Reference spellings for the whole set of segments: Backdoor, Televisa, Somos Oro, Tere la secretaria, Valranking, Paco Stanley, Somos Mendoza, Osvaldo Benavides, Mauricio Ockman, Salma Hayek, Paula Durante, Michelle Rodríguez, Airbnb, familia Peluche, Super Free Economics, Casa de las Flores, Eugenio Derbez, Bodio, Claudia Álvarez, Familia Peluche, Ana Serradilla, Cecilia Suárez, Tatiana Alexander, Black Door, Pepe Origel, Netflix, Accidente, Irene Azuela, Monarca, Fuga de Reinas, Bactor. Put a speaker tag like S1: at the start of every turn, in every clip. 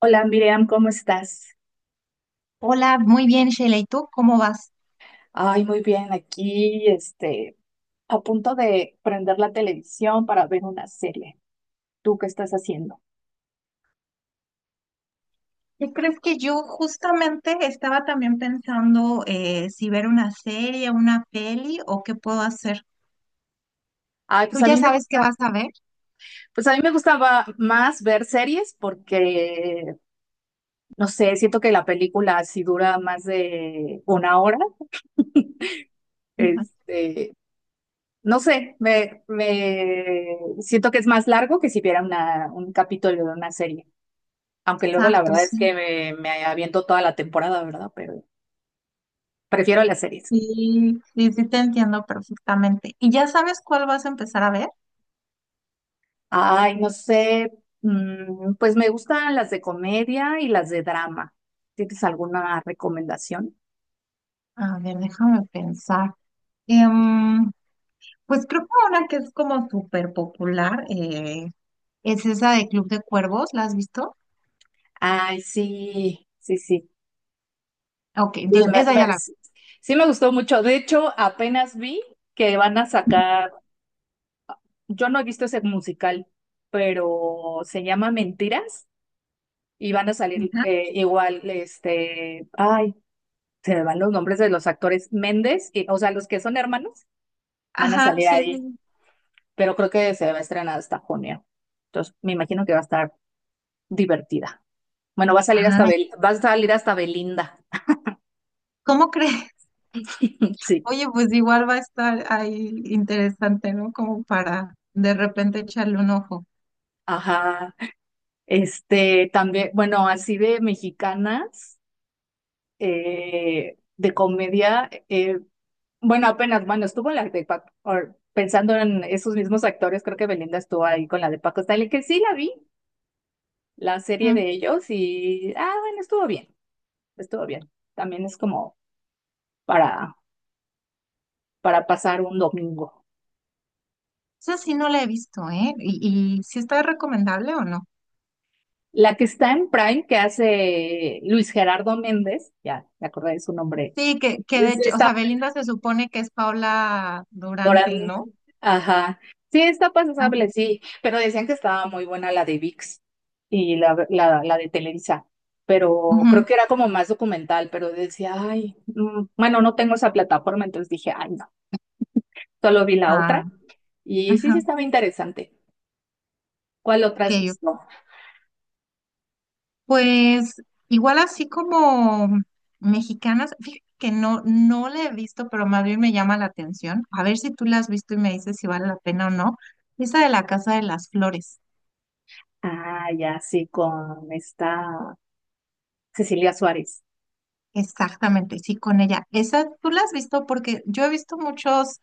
S1: Hola, Miriam, ¿cómo estás?
S2: Hola, muy bien, Sheila. ¿Y tú cómo vas?
S1: Ay, muy bien, aquí, a punto de prender la televisión para ver una serie. ¿Tú qué estás haciendo?
S2: ¿Qué crees? Que yo justamente estaba también pensando si ver una serie, una peli o qué puedo hacer.
S1: Ay,
S2: ¿Tú
S1: pues a
S2: ya
S1: mí me
S2: sabes
S1: gusta,
S2: qué vas a ver?
S1: pues a mí me gustaba más ver series porque, no sé, siento que la película si dura más de una hora,
S2: Ujú.
S1: este, no sé, me siento que es más largo que si viera un capítulo de una serie. Aunque luego la
S2: Exacto,
S1: verdad es
S2: sí.
S1: que me aviento toda la temporada, ¿verdad? Pero prefiero las series.
S2: Sí, sí, sí, te entiendo perfectamente. ¿Y ya sabes cuál vas a empezar a ver?
S1: Ay, no sé, mm, pues me gustan las de comedia y las de drama. ¿Tienes alguna recomendación?
S2: A ver, déjame pensar. Em, pues creo que una que es como súper popular es esa de Club de Cuervos. ¿La has visto?
S1: Ay, sí, sí, sí.
S2: Ok,
S1: Y
S2: entonces
S1: me-
S2: esa ya
S1: me-
S2: la
S1: sí sí me gustó mucho. De hecho, apenas vi que van a sacar, yo no he visto ese musical, pero se llama Mentiras y van a
S2: vi.
S1: salir
S2: Ajá.
S1: igual, ay, se me van los nombres de los actores Méndez, y, o sea, los que son hermanos van a
S2: Ajá,
S1: salir
S2: sí,
S1: ahí,
S2: sí.
S1: pero creo que se va a estrenar hasta junio. Entonces, me imagino que va a estar divertida. Bueno,
S2: Ay,
S1: Va a salir hasta Belinda.
S2: ¿cómo crees?
S1: Sí,
S2: Oye, pues igual va a estar ahí interesante, ¿no? Como para de repente echarle un ojo.
S1: ajá. También, bueno, así de mexicanas, de comedia, bueno, bueno, estuvo la de Paco, or- pensando en esos mismos actores, creo que Belinda estuvo ahí con la de Paco Stanley, que sí la vi, la serie
S2: Mm,
S1: de ellos y, ah, bueno, estuvo bien, estuvo bien. También es como para, para pasar un domingo.
S2: Esa sí no la he visto, ¿eh? Y sí está recomendable o no?
S1: La que está en Prime, que hace Luis Gerardo Méndez, ya me acordé de su nombre,
S2: Sí, que de
S1: es
S2: hecho, o
S1: esta
S2: sea, Belinda se supone que es Paula
S1: actora,
S2: Durante, ¿no?
S1: ajá, sí, está
S2: Ah,
S1: pasable, sí, pero decían que estaba muy buena la de VIX y la de Televisa, pero creo
S2: ujú.
S1: que era como más documental, pero decía, ay, mm, bueno, no tengo esa plataforma, entonces dije, ay, no, solo vi la
S2: Ah,
S1: otra. Y sí, sí
S2: ajá.
S1: estaba interesante. ¿Cuál otra
S2: Ok.
S1: has visto?
S2: Pues igual así como mexicanas, fíjate que no, no la he visto, pero más bien me llama la atención. A ver si tú la has visto y me dices si vale la pena o no. Esa de la Casa de las Flores,
S1: Ah, ya, sí, con esta Cecilia Suárez.
S2: exactamente, sí, con ella. Esa tú la has visto, porque yo he visto muchos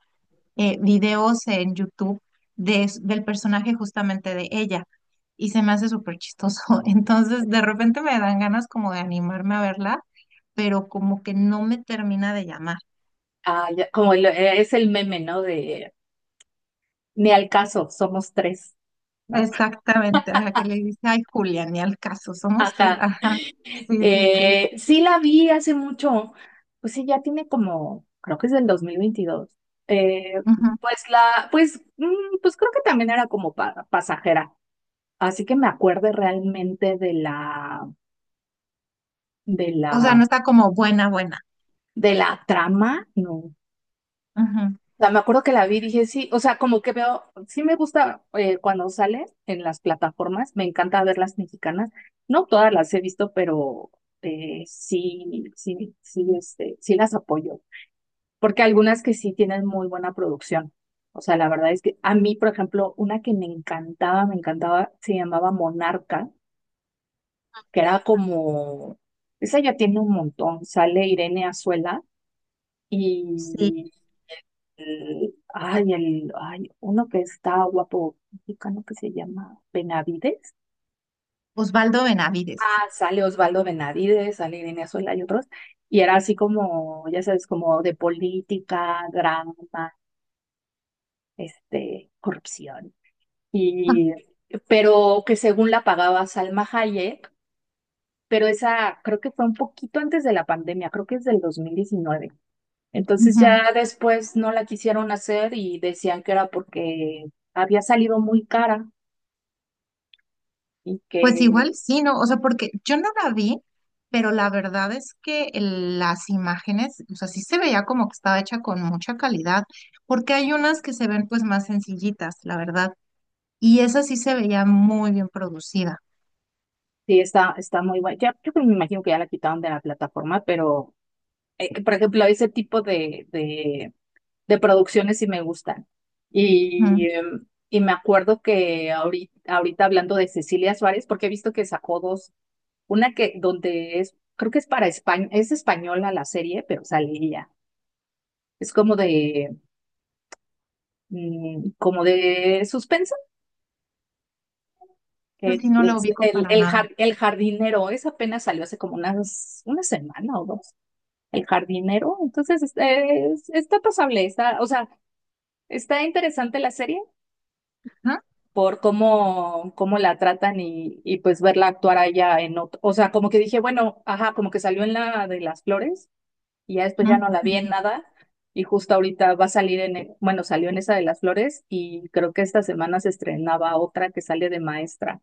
S2: videos en YouTube de, del personaje justamente de ella y se me hace súper chistoso. Entonces de repente me dan ganas como de animarme a verla, pero como que no me termina de llamar.
S1: Ah, ya, es el meme, ¿no? De, ni al caso, somos tres, ¿no?
S2: Exactamente, ajá, que le dice, ay, Julia, ni al caso, somos tres,
S1: Ajá,
S2: ajá, sí, sí, sí,
S1: sí la vi hace mucho. Pues sí, ya tiene como, creo que es del 2022. Eh,
S2: ujú.
S1: pues la, pues, mm, pues creo que también era como pasajera. Así que me acuerde realmente de la, de
S2: O sea,
S1: la,
S2: no está como buena, buena,
S1: de la trama, no,
S2: ujú.
S1: sea, me acuerdo que la vi y dije, sí, o sea, como que veo, sí me gusta cuando sale en las plataformas, me encanta ver las mexicanas. No todas las he visto, pero sí, sí, sí, sí las apoyo, porque algunas que sí tienen muy buena producción. O sea, la verdad es que a mí, por ejemplo, una que me encantaba, se llamaba Monarca, que era como, esa ya tiene un montón, sale Irene Azuela,
S2: Sí.
S1: y uno que está guapo mexicano que se llama Benavides.
S2: Osvaldo Benavides.
S1: Ah, sale Osvaldo Benavides, sale Irene Azuela y otros. Y era así como, ya sabes, como de política, drama, corrupción. Y, pero que según la pagaba Salma Hayek, pero esa creo que fue un poquito antes de la pandemia, creo que es del 2019. Entonces
S2: Ujú.
S1: ya después no la quisieron hacer y decían que era porque había salido muy cara. Y
S2: Pues
S1: que
S2: igual sí, ¿no? O sea, porque yo no la vi, pero la verdad es que las imágenes, o sea, sí se veía como que estaba hecha con mucha calidad, porque hay unas que se ven pues más sencillitas, la verdad, y esa sí se veía muy bien producida,
S1: sí está, está muy buena. Ya, me imagino que ya la quitaron de la plataforma, pero por ejemplo, ese tipo de producciones sí me gustan.
S2: ujú.
S1: Y, em, y me acuerdo que ahorita, ahorita hablando de Cecilia Suárez, porque he visto que sacó dos, una que donde es, creo que es para España, es española la serie, pero sale ella. Es como de, mm, como de suspenso.
S2: Esa
S1: Que
S2: sí no la
S1: es
S2: ubico
S1: el,
S2: para nada,
S1: el jardinero, esa apenas salió hace como unas, una semana o dos. El jardinero. Entonces, está pasable, está, o sea, está interesante la serie
S2: ajá,
S1: por cómo, cómo la tratan y pues verla actuar allá en otro, o sea, como que dije, bueno, ajá, como que salió en la de las flores y ya después ya
S2: ujú.
S1: no la vi en nada. Y justo ahorita va a salir en, bueno, salió en esa de las flores y creo que esta semana se estrenaba otra que sale de maestra.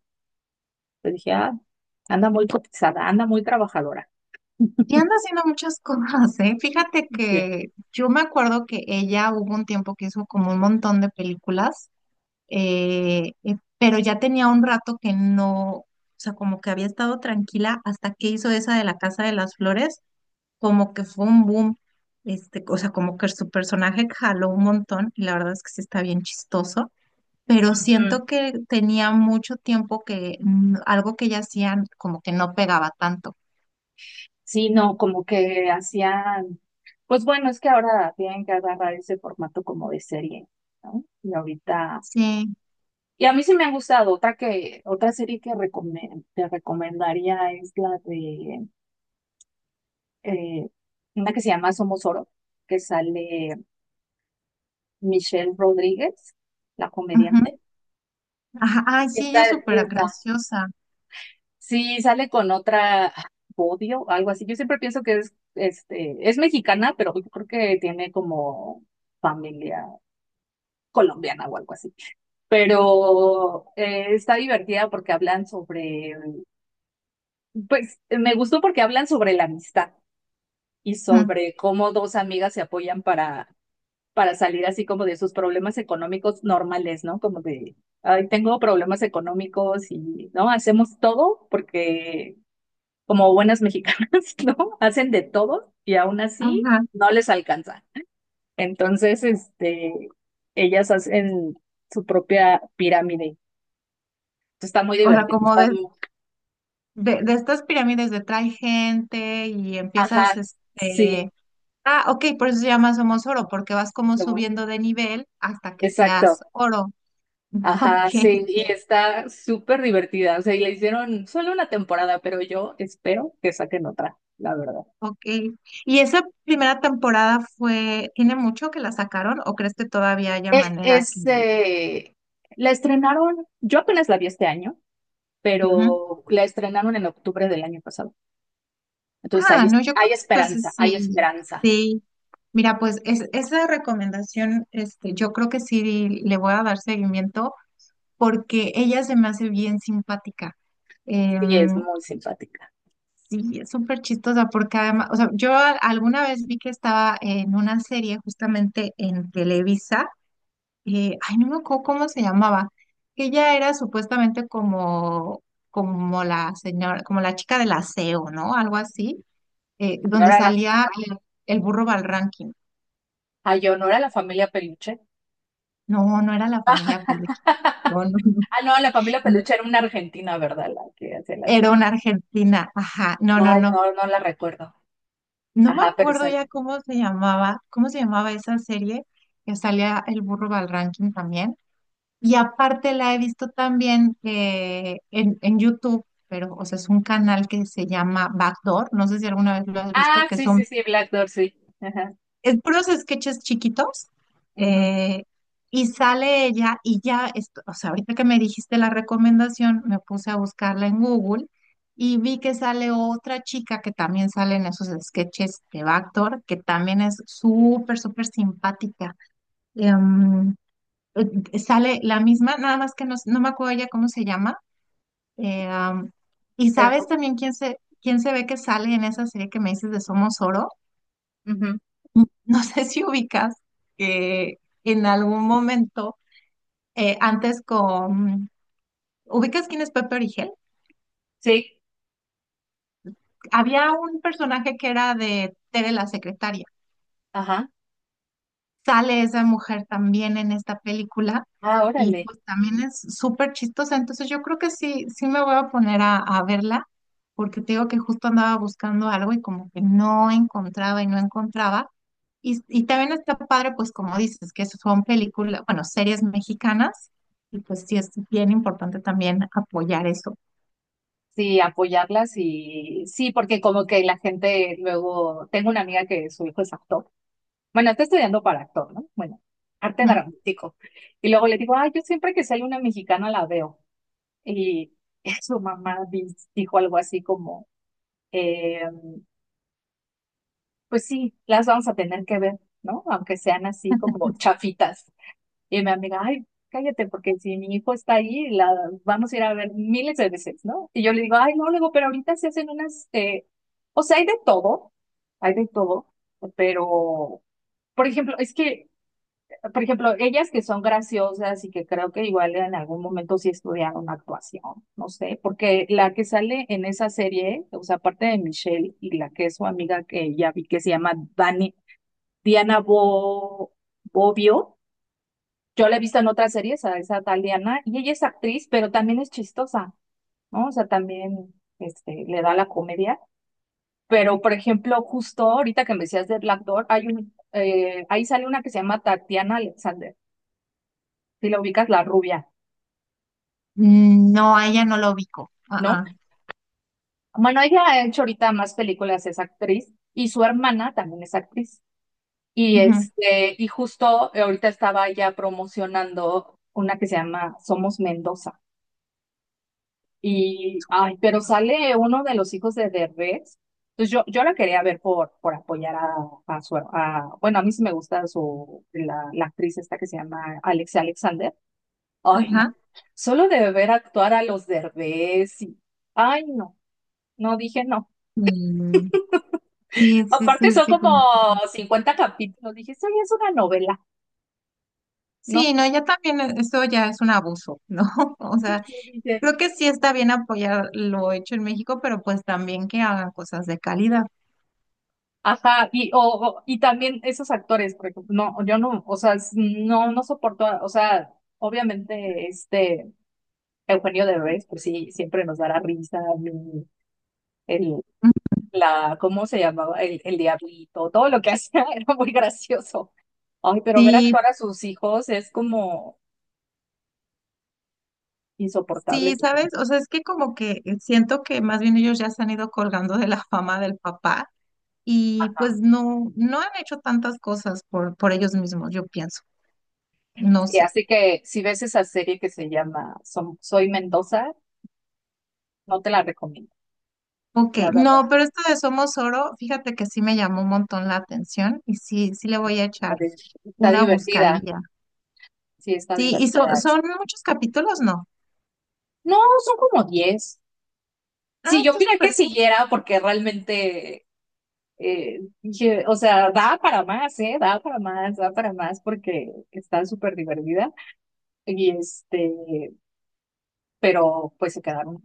S1: Pues dije, ah, anda muy cotizada, anda muy trabajadora.
S2: Y anda haciendo muchas cosas, ¿eh? Fíjate
S1: Bien.
S2: que yo me acuerdo que ella hubo un tiempo que hizo como un montón de películas, pero ya tenía un rato que no, o sea, como que había estado tranquila hasta que hizo esa de la Casa de las Flores, como que fue un boom, este, o sea, como que su personaje jaló un montón y la verdad es que sí está bien chistoso, pero
S1: Ujú.
S2: siento que tenía mucho tiempo que algo que ella hacía como que no pegaba tanto.
S1: Sí, no, como que hacían, pues bueno, es que ahora tienen que agarrar ese formato como de serie, ¿no? Y ahorita,
S2: Sí.
S1: y a mí sí me ha gustado, otra que, otra serie que recome- te recomendaría es la de, eh, una que se llama Somos Oro, que sale Michelle Rodríguez, la comediante.
S2: Ajá, ay, sí, ella
S1: Está,
S2: es súper
S1: está,
S2: graciosa.
S1: sí, sale con otra Bodio, algo así. Yo siempre pienso que es, es mexicana, pero yo creo que tiene como familia colombiana o algo así. Pero está divertida porque hablan sobre, pues me gustó porque hablan sobre la amistad y
S2: Ujú.
S1: sobre cómo dos amigas se apoyan para salir así como de sus problemas económicos normales, ¿no? Como de, ay, tengo problemas económicos y, ¿no? Hacemos todo porque como buenas mexicanas, ¿no? Hacen de todo y aún así
S2: Ajá.
S1: no les alcanza. Entonces, ellas hacen su propia pirámide. Está muy
S2: O sea,
S1: divertido,
S2: como de estas pirámides de trae gente y empiezas,
S1: ajá,
S2: este,
S1: sí,
S2: ah, ok, por eso se llama Somos Oro, porque vas como
S1: lo-
S2: subiendo de nivel hasta que seas
S1: exacto.
S2: oro. Ok,
S1: Ajá, sí, y
S2: ok.
S1: está súper divertida. O sea, y le hicieron solo una temporada, pero yo espero que saquen otra, la verdad.
S2: Ok. ¿Y esa primera temporada fue, tiene mucho que la sacaron o crees que todavía haya
S1: Eh,
S2: manera que...
S1: es, eh, la estrenaron, yo apenas la vi este año,
S2: Ujú.
S1: pero la estrenaron en octubre del año pasado. Entonces hay,
S2: Ah, no, yo creo
S1: hay
S2: que entonces
S1: esperanza, hay
S2: sí,
S1: esperanza.
S2: sí. Mira, pues es, esa recomendación, este, yo creo que sí le voy a dar seguimiento porque ella se me hace bien simpática.
S1: Sí, es
S2: Em,
S1: muy simpática.
S2: sí, es súper chistosa porque además, o sea, yo alguna vez vi que estaba en una serie justamente en Televisa, ay, no me acuerdo cómo se llamaba, que ella era supuestamente como, como la señora, como la chica del aseo, ¿no? Algo así donde
S1: Honor a la,
S2: salía el burro Valranking.
S1: honor a la familia Peluche.
S2: No, no era la familia Peluche. No, no, no.
S1: Ah, no, la familia
S2: No.
S1: peluche era una argentina, ¿verdad? La que hacía la
S2: Era
S1: serie.
S2: una argentina. Ajá, no, no,
S1: Ay,
S2: no.
S1: no, no la recuerdo.
S2: No me
S1: Ajá, pero
S2: acuerdo ya
S1: sale.
S2: cómo se llamaba esa serie que salía el burro Valranking también. Y aparte la he visto también en YouTube, pero, o sea, es un canal que se llama Backdoor. No sé si alguna vez lo has visto,
S1: Ah,
S2: que
S1: sí,
S2: son
S1: sí, sí, Black Door, sí. Ajá.
S2: es puros sketches chiquitos,
S1: Ujú,
S2: eh, y sale ella y ya, o sea, ahorita que me dijiste la recomendación, me puse a buscarla en Google y vi que sale otra chica que también sale en esos sketches de Bactor, que también es súper, súper simpática. Em, sale la misma, nada más que no, no me acuerdo ya cómo se llama. eh, am, y sabes
S1: eso,
S2: también quién se ve que sale en esa serie que me dices de Somos Oro.
S1: ujú.
S2: No sé si ubicas que en algún momento, antes con, ¿ubicas quién es Pepe Origel?
S1: Sí,
S2: Había un personaje que era de Tere la secretaria.
S1: ajá.
S2: Sale esa mujer también en esta película
S1: Ah,
S2: y
S1: órale.
S2: pues también es súper chistosa. Entonces yo creo que sí, sí me voy a poner a verla porque te digo que justo andaba buscando algo y como que no encontraba y no encontraba. Y también está padre, pues como dices, que son películas, bueno, series mexicanas y pues sí es bien importante también apoyar eso.
S1: Sí, apoyarlas y sí, porque como que la gente luego, tengo una amiga que su hijo es actor. Bueno, está estudiando para actor, ¿no? Bueno, arte
S2: Ujú.
S1: dramático. Y luego le digo, ay, yo siempre que sale una mexicana la veo. Y su mamá dijo algo así como, em, pues sí, las vamos a tener que ver, ¿no? Aunque sean así como chafitas. Y mi amiga, ay, cállate, porque si mi hijo está ahí, la vamos a ir a ver miles de veces, ¿no? Y yo le digo, ay, no, le digo, pero ahorita se hacen unas, o sea, hay de todo, pero, por ejemplo, es que, por ejemplo, ellas que son graciosas y que creo que igual en algún momento sí estudiaron actuación, no sé, porque la que sale en esa serie, o sea, aparte de Michelle y la que es su amiga que ya vi que se llama Dani, Diana Bo- Bobbio. Yo la he visto en otras series, a esa tal Diana, y ella es actriz, pero también es chistosa, ¿no? O sea, también le da la comedia. Pero, por ejemplo, justo ahorita que me decías de Black Door, hay un, ahí sale una que se llama Tatiana Alexander. Si la ubicas, la rubia,
S2: No, a ella no lo ubico. Ah,
S1: ¿no?
S2: ah.
S1: Bueno, ella ha hecho ahorita más películas, es actriz, y su hermana también es actriz. Y
S2: Ujú.
S1: y justo ahorita estaba ya promocionando una que se llama Somos Mendoza. Y, ay, pero sale uno de los hijos de Derbez. Entonces yo la quería ver por apoyar a su, a, bueno, a mí sí me gusta su, la actriz esta que se llama Alexia Alexander. Ay, no.
S2: Ajá.
S1: Solo de ver actuar a los Derbez y, ay, no. No, dije no.
S2: Mm, Sí, sí,
S1: Aparte
S2: sí,
S1: son
S2: sí,
S1: como
S2: como que...
S1: 50 capítulos. Dije, eso ya es una novela.
S2: Sí,
S1: No.
S2: no, ya también eso ya es un abuso, ¿no? O sea,
S1: Sí, dije,
S2: creo que sí está bien apoyar lo hecho en México, pero pues también que hagan cosas de calidad.
S1: ajá, y, o, y también esos actores, por ejemplo, no, yo no, o sea, no, no soporto, o sea, obviamente, Eugenio Derbez, pues sí, siempre nos dará risa, el, el- la, ¿cómo se llamaba? El diablito, todo lo que hacía era muy gracioso. Ay, pero ver
S2: Sí,
S1: actuar a sus hijos es como
S2: sí,
S1: insoportable.
S2: ¿sabes? O sea, es que como que siento que más bien ellos ya se han ido colgando de la fama del papá y pues no, no han hecho tantas cosas por ellos mismos, yo pienso. No
S1: Y
S2: sé.
S1: así que si ves esa serie que se llama Soy Mendoza, no te la recomiendo,
S2: Ok,
S1: la verdad.
S2: no, pero esto de Somos Oro, fíjate que sí me llamó un montón la atención y sí, sí le voy a
S1: la
S2: echar
S1: de- Está
S2: una
S1: divertida,
S2: buscadilla.
S1: sí, está
S2: Sí, y
S1: divertida.
S2: son muchos capítulos, ¿no?
S1: No, son como 10.
S2: Ah,
S1: Sí, yo
S2: está
S1: opiné que
S2: súper
S1: siguiera porque realmente dije, o sea, da para más, ¿eh? Da para más porque está súper divertida. Y pero pues se quedaron.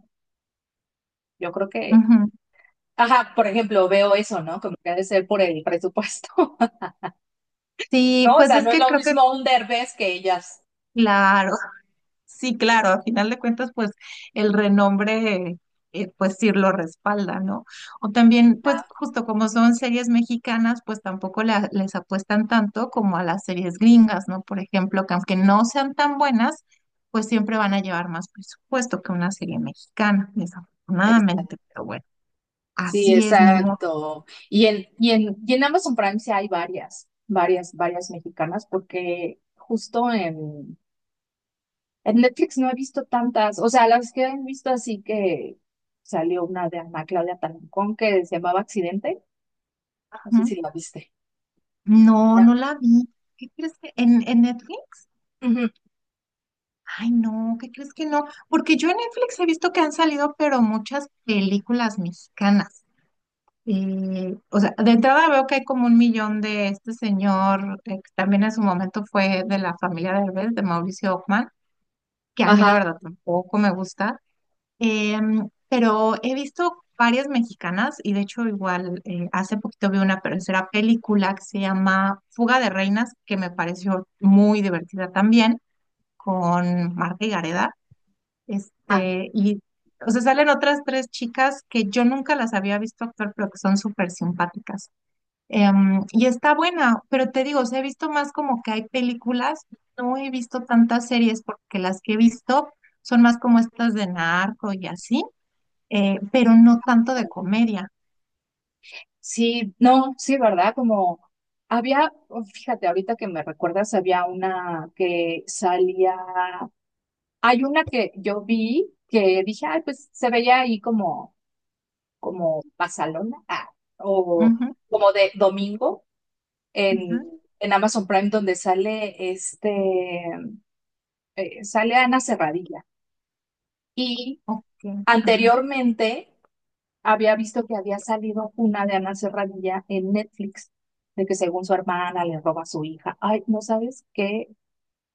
S1: Yo creo
S2: bien.
S1: que,
S2: Ujú.
S1: ajá, por ejemplo, veo eso, ¿no? Como que ha de ser por el presupuesto,
S2: Sí,
S1: ¿no? O
S2: pues
S1: sea,
S2: es
S1: no es
S2: que
S1: lo
S2: creo que,
S1: mismo un Derbez que ellas.
S2: claro, sí, claro, a final de cuentas, pues el renombre, pues sí lo respalda, ¿no? O también, pues justo como son series mexicanas, pues tampoco les apuestan tanto como a las series gringas, ¿no? Por ejemplo, que aunque no sean tan buenas, pues siempre van a llevar más presupuesto que una serie mexicana,
S1: Este,
S2: desafortunadamente, pero bueno,
S1: sí,
S2: así es, ni modo.
S1: exacto. Y en Amazon Prime sí hay varias, varias, varias mexicanas porque justo en... En Netflix no he visto tantas, o sea, las que he visto así que salió una de Ana Claudia Talancón que se llamaba Accidente, no sé si la viste.
S2: No, no
S1: Ya.
S2: la vi. ¿Qué crees que en Netflix?
S1: Ujú.
S2: Ay, no, ¿qué crees que no? Porque yo en Netflix he visto que han salido, pero muchas películas mexicanas. O sea, de entrada veo que hay como un millón de este señor, que también en su momento fue de la familia Derbez, de Mauricio Ockman, que a mí la
S1: Ajá.
S2: verdad tampoco me gusta. Pero he visto varias mexicanas y de hecho igual hace poquito vi una tercera película que se llama Fuga de Reinas, que me pareció muy divertida también, con Marta y Gareda.
S1: Ah,
S2: Este, y o sea, salen otras tres chicas que yo nunca las había visto actuar, pero que son súper simpáticas. Y está buena, pero te digo, o sea, he visto más como que hay películas, no he visto tantas series porque las que he visto son más como estas de narco y así pero no tanto de comedia.
S1: sí, no, sí, ¿verdad? Como había, oh, fíjate, ahorita que me recuerdas, había una que salía, hay una que yo vi que dije, ay, pues se veía ahí como, como pasalona, ah, o
S2: Ujú,
S1: como de domingo. en,
S2: ujú,
S1: en Amazon Prime donde sale sale Ana Serradilla. Y
S2: ok, ajá.
S1: anteriormente había visto que había salido una de Ana Serradilla en Netflix, de que según su hermana le roba a su hija. Ay, no sabes qué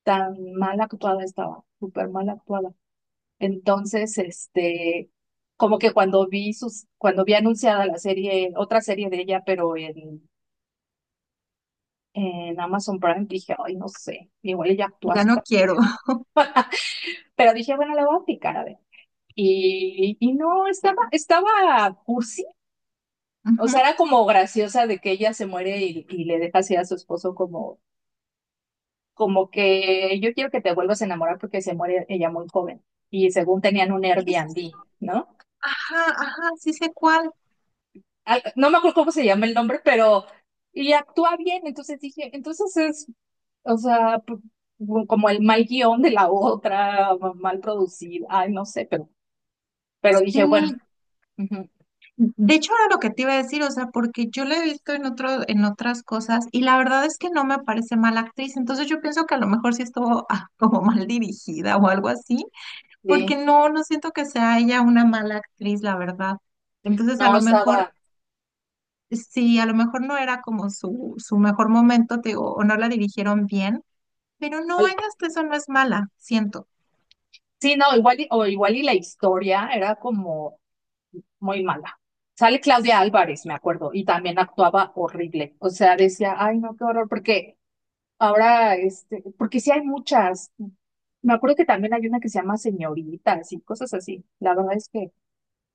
S1: tan mal actuada estaba, súper mal actuada. Entonces, como que cuando vi sus, cuando vi anunciada la serie, otra serie de ella, pero en Amazon Prime, dije, ay, no sé, igual ella actúa
S2: Ya no
S1: súper.
S2: quiero.
S1: Pero dije, bueno, le voy a aplicar, a ver. Y no, estaba, estaba cursi. O sea,
S2: Ujú.
S1: era como graciosa de que ella se muere y le deja así a su esposo como, como que yo quiero que te vuelvas a enamorar porque se muere ella muy joven. Y según tenían un
S2: Y eso sí,
S1: Airbnb, ¿no?
S2: ajá, ajá, sí sé cuál.
S1: No me acuerdo cómo se llama el nombre, pero, y actúa bien. Entonces dije, entonces es, o sea, como el mal guión de la otra, mal producido. Ay, no sé, pero dije, bueno,
S2: Sí,
S1: ujú,
S2: de hecho era lo que te iba a decir, o sea, porque yo la he visto en otro, en otras cosas y la verdad es que no me parece mala actriz, entonces yo pienso que a lo mejor sí estuvo ah, como mal dirigida o algo así, porque
S1: sí.
S2: no, no siento que sea ella una mala actriz, la verdad. Entonces a
S1: no
S2: lo mejor
S1: estaba,
S2: sí, a lo mejor no era como su mejor momento, te digo, o no la dirigieron bien, pero no,
S1: al-
S2: ella hasta eso no es mala, siento.
S1: sí, no, igual y, o igual y la historia era como muy mala. Sale Claudia Álvarez, me acuerdo, y también actuaba horrible. O sea, decía, ay, no, qué horror, porque ahora, porque sí hay muchas. Me acuerdo que también hay una que se llama Señoritas y cosas así. La verdad es que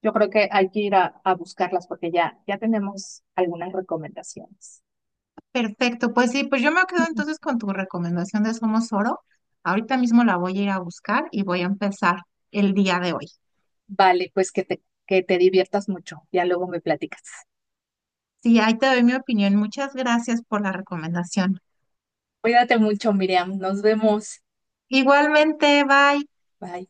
S1: yo creo que hay que ir a buscarlas porque ya, ya tenemos algunas recomendaciones.
S2: Perfecto, pues sí, pues yo me quedo entonces con tu recomendación de Somos Oro. Ahorita mismo la voy a ir a buscar y voy a empezar el día de hoy.
S1: Vale, pues que te diviertas mucho. Ya luego me platicas.
S2: Sí, ahí te doy mi opinión. Muchas gracias por la recomendación.
S1: Cuídate mucho, Miriam. Nos vemos.
S2: Igualmente, bye.
S1: Bye.